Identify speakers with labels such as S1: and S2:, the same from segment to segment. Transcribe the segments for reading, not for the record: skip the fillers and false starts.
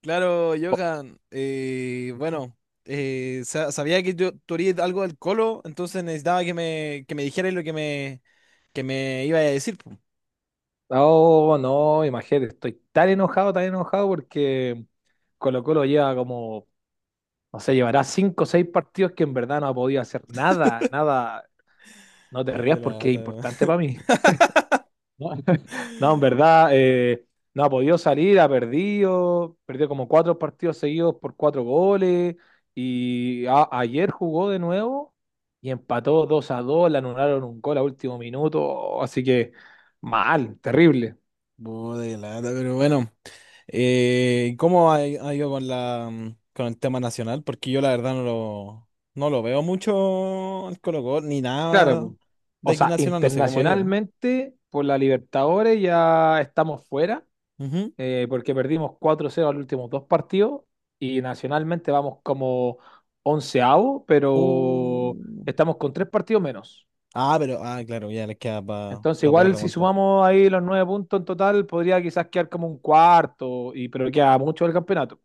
S1: Claro, Johan. Bueno, sabía que tú harías algo del Colo, entonces necesitaba que que me dijeras lo que que me iba a decir, po.
S2: Oh, no, imagínate, estoy tan enojado porque Colo Colo lleva como, no sé, llevará cinco o seis partidos que en verdad no ha podido hacer nada, nada. No te
S1: Qué
S2: rías porque es
S1: lata.
S2: importante para mí. No, no, en verdad, no ha podido salir, perdió como cuatro partidos seguidos por cuatro goles y ayer jugó de nuevo y empató 2-2, le anularon un gol a último minuto, así que mal, terrible.
S1: Puta, qué lata, pero bueno. ¿Cómo ha ido con con el tema nacional? Porque yo la verdad no lo veo mucho el Colo Colo, ni
S2: Claro,
S1: nada
S2: po.
S1: de
S2: O
S1: aquí
S2: sea,
S1: nacional, no sé cómo ha ido.
S2: internacionalmente por la Libertadores ya estamos fuera,
S1: Ujú.
S2: porque perdimos 4-0 los últimos dos partidos y nacionalmente vamos como onceavo, pero
S1: Uh.
S2: estamos con tres partidos menos.
S1: Ah, pero, claro, ya les queda para
S2: Entonces,
S1: poder
S2: igual si
S1: remontar.
S2: sumamos ahí los nueve puntos en total, podría quizás quedar como un cuarto, pero queda mucho del campeonato.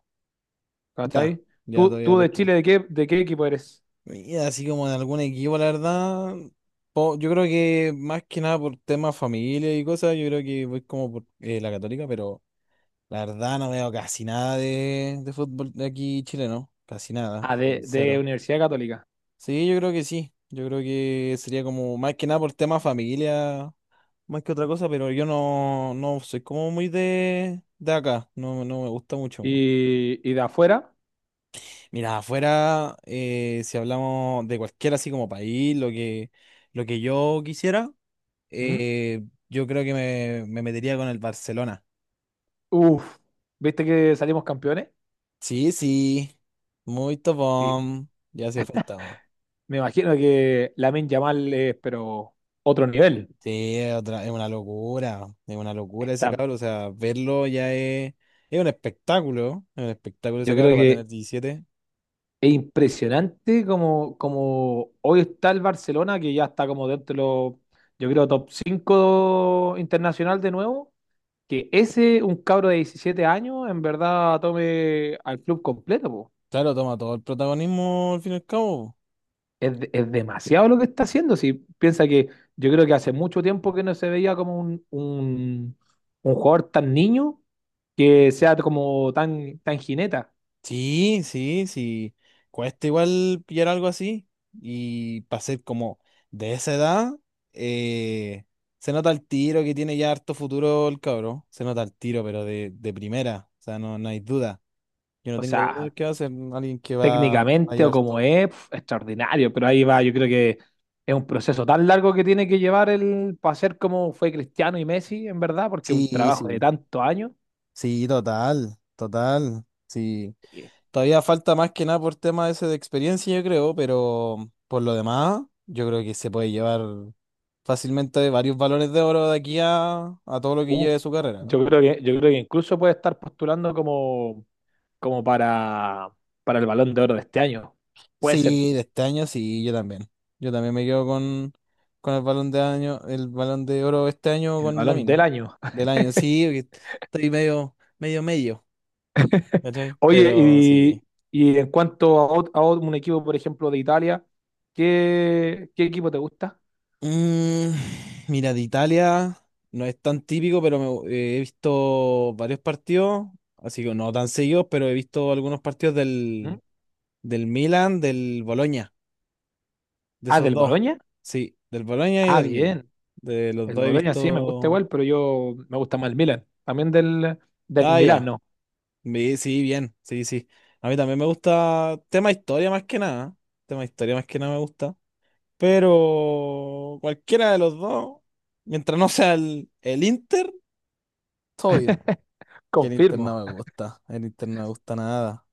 S1: Ya,
S2: ¿Cachai?
S1: ya
S2: ¿Tú,
S1: todavía
S2: tú
S1: les
S2: de
S1: queda.
S2: Chile, ¿de qué equipo eres?
S1: Y así como en algún equipo, la verdad, yo creo que más que nada por temas familia y cosas, yo creo que voy como por la Católica, pero la verdad no veo casi nada de fútbol de aquí chileno, casi nada,
S2: Ah, de
S1: cero.
S2: Universidad Católica.
S1: Sí, yo creo que sí, yo creo que sería como más que nada por temas familia, más que otra cosa, pero yo no, no soy como muy de acá, no, no me gusta mucho.
S2: ¿Y de afuera?
S1: Mira, afuera, si hablamos de cualquier así como país, lo que yo quisiera,
S2: ¿Mm?
S1: eh, yo creo que me metería con el Barcelona.
S2: Uf, ¿viste que salimos campeones?
S1: Sí, sí, muy
S2: Sí,
S1: topón, ya hacía falta, weón.
S2: me imagino que Lamine Yamal es, pero otro nivel.
S1: Sí, es otra, es una locura ese
S2: Está,
S1: cabro, o sea, verlo ya es un espectáculo ese
S2: yo creo
S1: cabro, va a
S2: que
S1: tener 17.
S2: es impresionante como, hoy está el Barcelona, que ya está como dentro de los, yo creo, top 5 internacional de nuevo. Que ese, un cabro de 17 años, en verdad tome al club completo, po.
S1: Claro, toma todo el protagonismo al fin y al cabo.
S2: Es demasiado lo que está haciendo. Si piensa que yo creo que hace mucho tiempo que no se veía como un jugador tan niño que sea como tan jineta.
S1: Sí, sí, sí. Cuesta igual pillar algo así. Y para ser como de esa edad, eh, se nota el tiro que tiene ya harto futuro el cabrón. Se nota el tiro, pero de primera. O sea, no, no hay duda. Yo no
S2: O
S1: tengo duda de
S2: sea,
S1: que va a ser alguien que va a
S2: técnicamente o
S1: llevar
S2: como
S1: todo.
S2: es, extraordinario. Pero ahí va, yo creo que es un proceso tan largo que tiene que llevar el para ser como fue Cristiano y Messi, en verdad, porque es un
S1: Sí,
S2: trabajo de
S1: sí.
S2: tantos años.
S1: Sí, total, total. Sí.
S2: Y,
S1: Todavía falta más que nada por tema ese de experiencia, yo creo, pero por lo demás, yo creo que se puede llevar fácilmente varios balones de oro de aquí a todo lo que
S2: Uf,
S1: lleve su carrera, ¿no?
S2: yo creo que incluso puede estar postulando como para el Balón de Oro de este año. Puede ser
S1: Sí, de este año sí, yo también. Yo también me quedo con el balón de año, el balón de oro este año
S2: el
S1: con
S2: Balón del
S1: Lamine.
S2: año.
S1: Del año, sí, porque estoy medio, medio, medio, ¿cachai?
S2: Oye,
S1: Pero sí.
S2: y en cuanto a, un equipo, por ejemplo, de Italia, ¿qué equipo te gusta?
S1: Mm, mira, de Italia no es tan típico, pero he visto varios partidos, así que no tan seguidos, pero he visto algunos partidos
S2: ¿Mm?
S1: del, del Milan, del Boloña, de
S2: Ah,
S1: esos
S2: del
S1: dos.
S2: Boloña.
S1: Sí, del Boloña y
S2: Ah,
S1: del Milan.
S2: bien.
S1: De los
S2: El
S1: dos he
S2: Boloña sí me gusta
S1: visto.
S2: igual, pero yo me gusta más el Milan. También del
S1: Ah,
S2: Milan,
S1: ya.
S2: no.
S1: Sí, bien, sí, sí. A mí también me gusta tema historia más que nada. Tema historia más que nada me gusta. Pero cualquiera de los dos, mientras no sea el Inter, todo bien. Que el Inter no
S2: Confirmo.
S1: me gusta. El Inter no me gusta nada.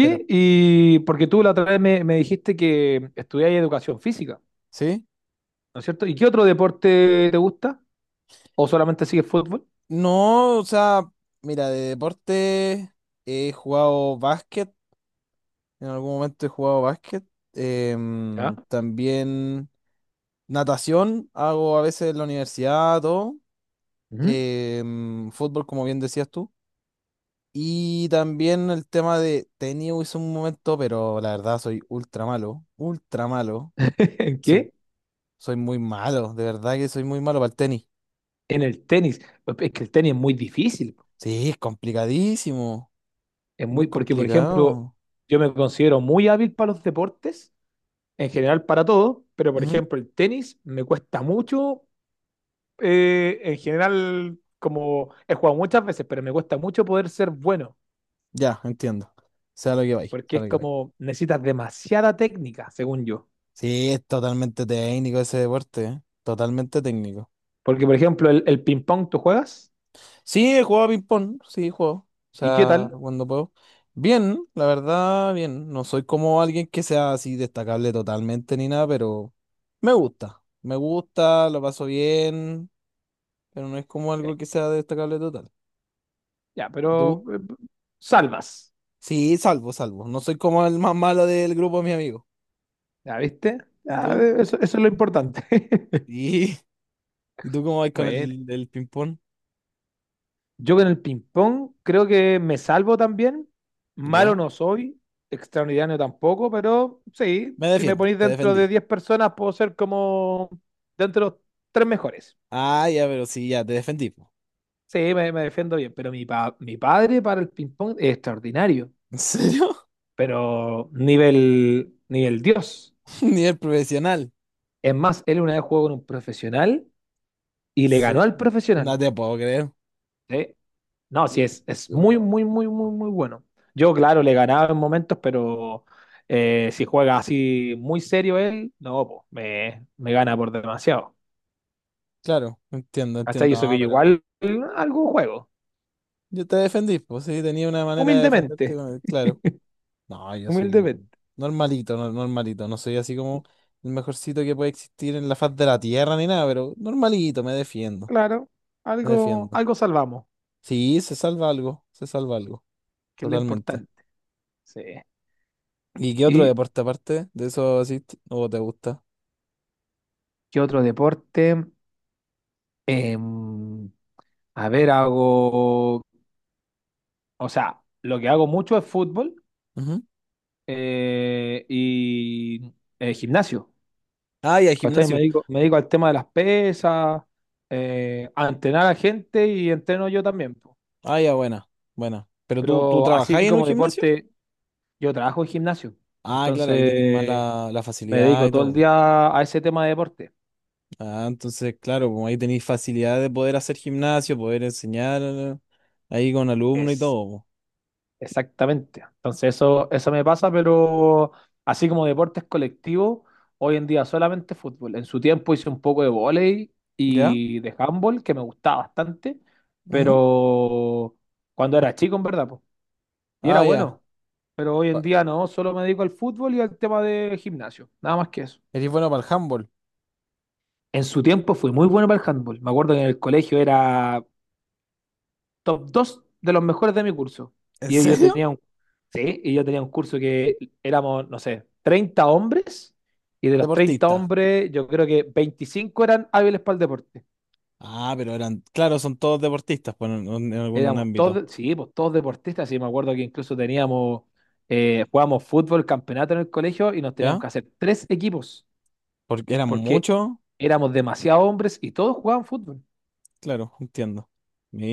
S1: Cero.
S2: y porque tú la otra vez me dijiste que estudiáis educación física,
S1: ¿Sí?
S2: ¿no es cierto? ¿Y qué otro deporte te gusta? ¿O solamente sigues fútbol?
S1: No, o sea, mira, de deporte he jugado básquet. En algún momento he jugado básquet.
S2: ¿Ya?
S1: También natación hago a veces en la universidad, todo.
S2: Ujú.
S1: Fútbol, como bien decías tú. Y también el tema de tenis hice un momento, pero la verdad soy ultra malo. Ultra malo.
S2: ¿En
S1: Soy,
S2: qué?
S1: soy muy malo. De verdad que soy muy malo para el tenis.
S2: En el tenis. Es que el tenis es muy difícil.
S1: Sí, es complicadísimo. Muy
S2: Porque, por ejemplo,
S1: complicado.
S2: yo me considero muy hábil para los deportes, en general para todo, pero, por
S1: Ujú.
S2: ejemplo, el tenis me cuesta mucho, en general, como he jugado muchas veces, pero me cuesta mucho poder ser bueno,
S1: Ya, entiendo. Sea lo que vais,
S2: porque
S1: sea
S2: es
S1: lo que vais.
S2: como necesitas demasiada técnica, según yo.
S1: Sí, es totalmente técnico ese deporte, ¿eh? Totalmente técnico.
S2: Porque, por ejemplo, el ping-pong tú juegas,
S1: Sí, he jugado a ping-pong, sí, he jugado. O
S2: ¿y qué
S1: sea,
S2: tal?
S1: cuando puedo. Bien, la verdad, bien. No soy como alguien que sea así destacable totalmente ni nada, pero me gusta. Me gusta, lo paso bien, pero no es como
S2: Eh,
S1: algo que sea destacable total.
S2: ya,
S1: ¿Tú?
S2: pero eh, salvas,
S1: Sí, salvo, salvo. No soy como el más malo del grupo de mis amigos.
S2: ¿ya viste?
S1: ¿Y
S2: Ya,
S1: tú?
S2: eso es lo importante.
S1: ¿Y, ¿y tú cómo vas con
S2: Bueno,
S1: el ping-pong?
S2: yo con el ping-pong creo que me salvo también. Malo
S1: ¿Ya?
S2: no soy, extraordinario tampoco, pero sí,
S1: Me
S2: si me
S1: defiendo,
S2: ponéis
S1: te
S2: dentro de
S1: defendí.
S2: 10 personas, puedo ser como dentro de los tres mejores.
S1: Ah, ya, pero sí, ya, te defendí, po.
S2: Sí, me defiendo bien, pero mi padre para el ping-pong es extraordinario,
S1: ¿En serio?
S2: pero nivel, nivel Dios.
S1: Nivel profesional.
S2: Es más, él una vez jugó con un profesional
S1: ¿En
S2: y le ganó al
S1: serio? No
S2: profesional.
S1: te puedo creer.
S2: Sí. No, sí,
S1: Ni-
S2: es muy,
S1: Oh.
S2: muy, muy, muy, muy bueno. Yo, claro, le ganaba en momentos, pero si juega así muy serio él, no, po, me gana por demasiado.
S1: Claro, entiendo,
S2: Hasta
S1: entiendo.
S2: eso
S1: No,
S2: que yo
S1: pero
S2: igual algo juego.
S1: yo te defendí, pues sí, tenía una manera de
S2: Humildemente,
S1: defenderte, claro. No, yo soy
S2: humildemente.
S1: normalito, normalito. No soy así como el mejorcito que puede existir en la faz de la tierra ni nada, pero normalito, me defiendo,
S2: Claro,
S1: me defiendo.
S2: algo salvamos,
S1: Sí, se salva algo, se salva algo.
S2: que es lo
S1: Totalmente.
S2: importante. Sí.
S1: ¿Y qué otro
S2: ¿Y
S1: deporte aparte de eso asiste o te gusta?
S2: qué otro deporte? Em, a ver, o sea, lo que hago mucho es fútbol
S1: Ujú.
S2: y gimnasio,
S1: Ah, ya,
S2: ¿cachai? Me
S1: gimnasio.
S2: dedico, me dedico al tema de las pesas, a entrenar a gente y entreno yo también. Po.
S1: Ah, ya, buena, buena. ¿Pero tú
S2: Pero así
S1: trabajáis en un
S2: como
S1: gimnasio?
S2: deporte, yo trabajo en gimnasio,
S1: Ah, claro, ahí tenéis más
S2: entonces
S1: la
S2: me
S1: facilidad
S2: dedico
S1: y
S2: todo el
S1: todo.
S2: día a ese tema de deporte.
S1: Ah, entonces, claro, como ahí tenéis facilidad de poder hacer gimnasio, poder enseñar ahí con alumnos y
S2: Es
S1: todo, po.
S2: Exactamente. Entonces eso me pasa, pero así como deportes colectivos, hoy en día solamente fútbol. En su tiempo hice un poco de vóley
S1: ¿Ya?
S2: y de handball, que me gustaba bastante,
S1: Ujú.
S2: pero cuando era chico, en verdad, po, y era
S1: Ah, ya.
S2: bueno. Pero hoy en
S1: Pa-
S2: día no, solo me dedico al fútbol y al tema de gimnasio, nada más que eso.
S1: Eres bueno para el handball.
S2: En su tiempo fui muy bueno para el handball. Me acuerdo que en el colegio era top 2 de los mejores de mi curso.
S1: ¿En
S2: Y yo
S1: serio?
S2: tenía un, sí, y yo tenía un curso que éramos, no sé, 30 hombres, y de los 30
S1: Deportista.
S2: hombres, yo creo que 25 eran hábiles para el deporte.
S1: Ah, pero eran, claro, son todos deportistas pues, en algún
S2: Éramos
S1: ámbito.
S2: todos, sí, pues todos deportistas, y me acuerdo que incluso jugábamos fútbol, campeonato en el colegio, y nos teníamos
S1: ¿Ya?
S2: que hacer tres equipos,
S1: Porque eran
S2: porque
S1: muchos.
S2: éramos demasiados hombres y todos jugaban fútbol.
S1: Claro, entiendo.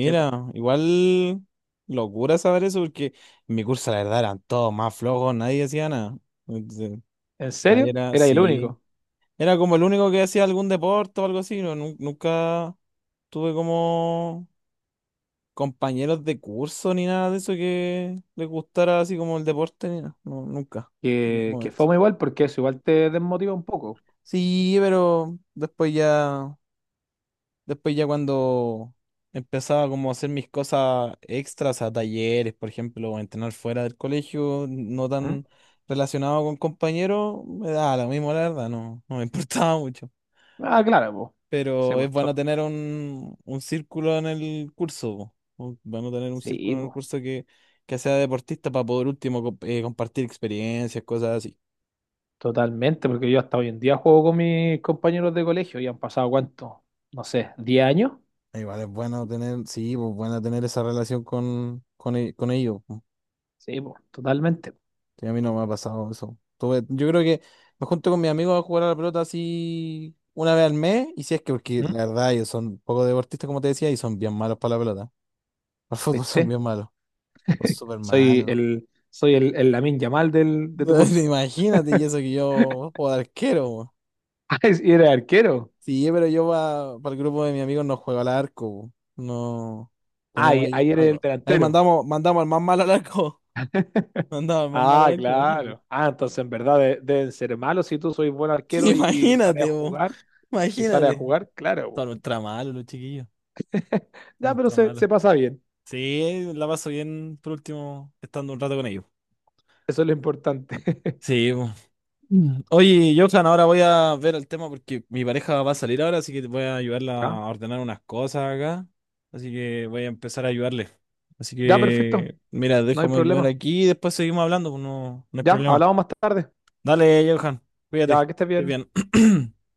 S2: Sí, po.
S1: igual locura saber eso porque en mi curso la verdad eran todos más flojos, nadie hacía nada. Entonces,
S2: ¿En
S1: nadie
S2: serio?
S1: era,
S2: Era el
S1: sí.
S2: único.
S1: Era como el único que hacía algún deporte o algo así. No, nunca tuve como compañeros de curso ni nada de eso que les gustara así como el deporte ni nada. No, nunca. En ningún
S2: Que fue
S1: momento.
S2: muy igual porque eso igual te desmotiva un poco.
S1: Sí, pero después ya. Después ya cuando empezaba como a hacer mis cosas extras a talleres, por ejemplo, o entrenar fuera del colegio, no
S2: ¿Mm?
S1: tan relacionado con compañeros, me daba lo mismo, la verdad, no, no me importaba mucho.
S2: Ah, claro, pues. Sí,
S1: Pero es
S2: pues, to-
S1: bueno tener un círculo en el curso, po. Bueno tener un
S2: sí,
S1: círculo en el
S2: pues,
S1: curso que sea deportista para poder último compartir experiencias, cosas así.
S2: totalmente, porque yo hasta hoy en día juego con mis compañeros de colegio y han pasado cuánto, no sé, 10 años.
S1: Igual es bueno tener, sí, pues bueno tener esa relación con, con ellos.
S2: Sí, pues, totalmente.
S1: Sí, a mí no me ha pasado eso. Yo creo que me junto con mis amigos a jugar a la pelota así una vez al mes, y si es que, porque
S2: ¿Mm?
S1: la verdad ellos son poco deportistas, como te decía, y son bien malos para la pelota. Al fútbol son
S2: ¿Viste?
S1: bien malos, son súper
S2: Soy
S1: malos.
S2: el, soy el, el Lamine Yamal de tu curso.
S1: Imagínate, y eso que yo juego de arquero, po.
S2: Ah, y eres arquero.
S1: Sí, pero yo para el grupo de mis amigos no juego al arco, po. No,
S2: Ah,
S1: tenemos
S2: y
S1: ahí,
S2: ahí eres el
S1: no. Ahí
S2: delantero.
S1: mandamos, mandamos al más malo al arco. Mandamos al más malo al
S2: Ah,
S1: arco, imagínate.
S2: claro. Ah, entonces en verdad deben ser malos si tú sois buen arquero y sales a
S1: Imagínate, po.
S2: jugar. Y sales a
S1: Imagínate.
S2: jugar, claro. po.
S1: Son ultra malos los chiquillos. Son
S2: Ya, pero
S1: ultra malos.
S2: se pasa bien.
S1: Sí, la paso bien por último estando un rato con ellos.
S2: Eso es lo importante.
S1: Sí, po. Mm. Oye, Johan, ahora voy a ver el tema porque mi pareja va a salir ahora, así que voy a ayudarla
S2: Ya,
S1: a ordenar unas cosas acá. Así que voy a empezar a ayudarle. Así
S2: ya, perfecto.
S1: que, mira,
S2: No hay
S1: déjame ayudar
S2: problema.
S1: aquí y después seguimos hablando, pues no, no hay
S2: Ya,
S1: problema.
S2: hablamos más tarde.
S1: Dale, Johan,
S2: Ya,
S1: cuídate,
S2: que
S1: que
S2: estés
S1: estés
S2: bien.
S1: bien.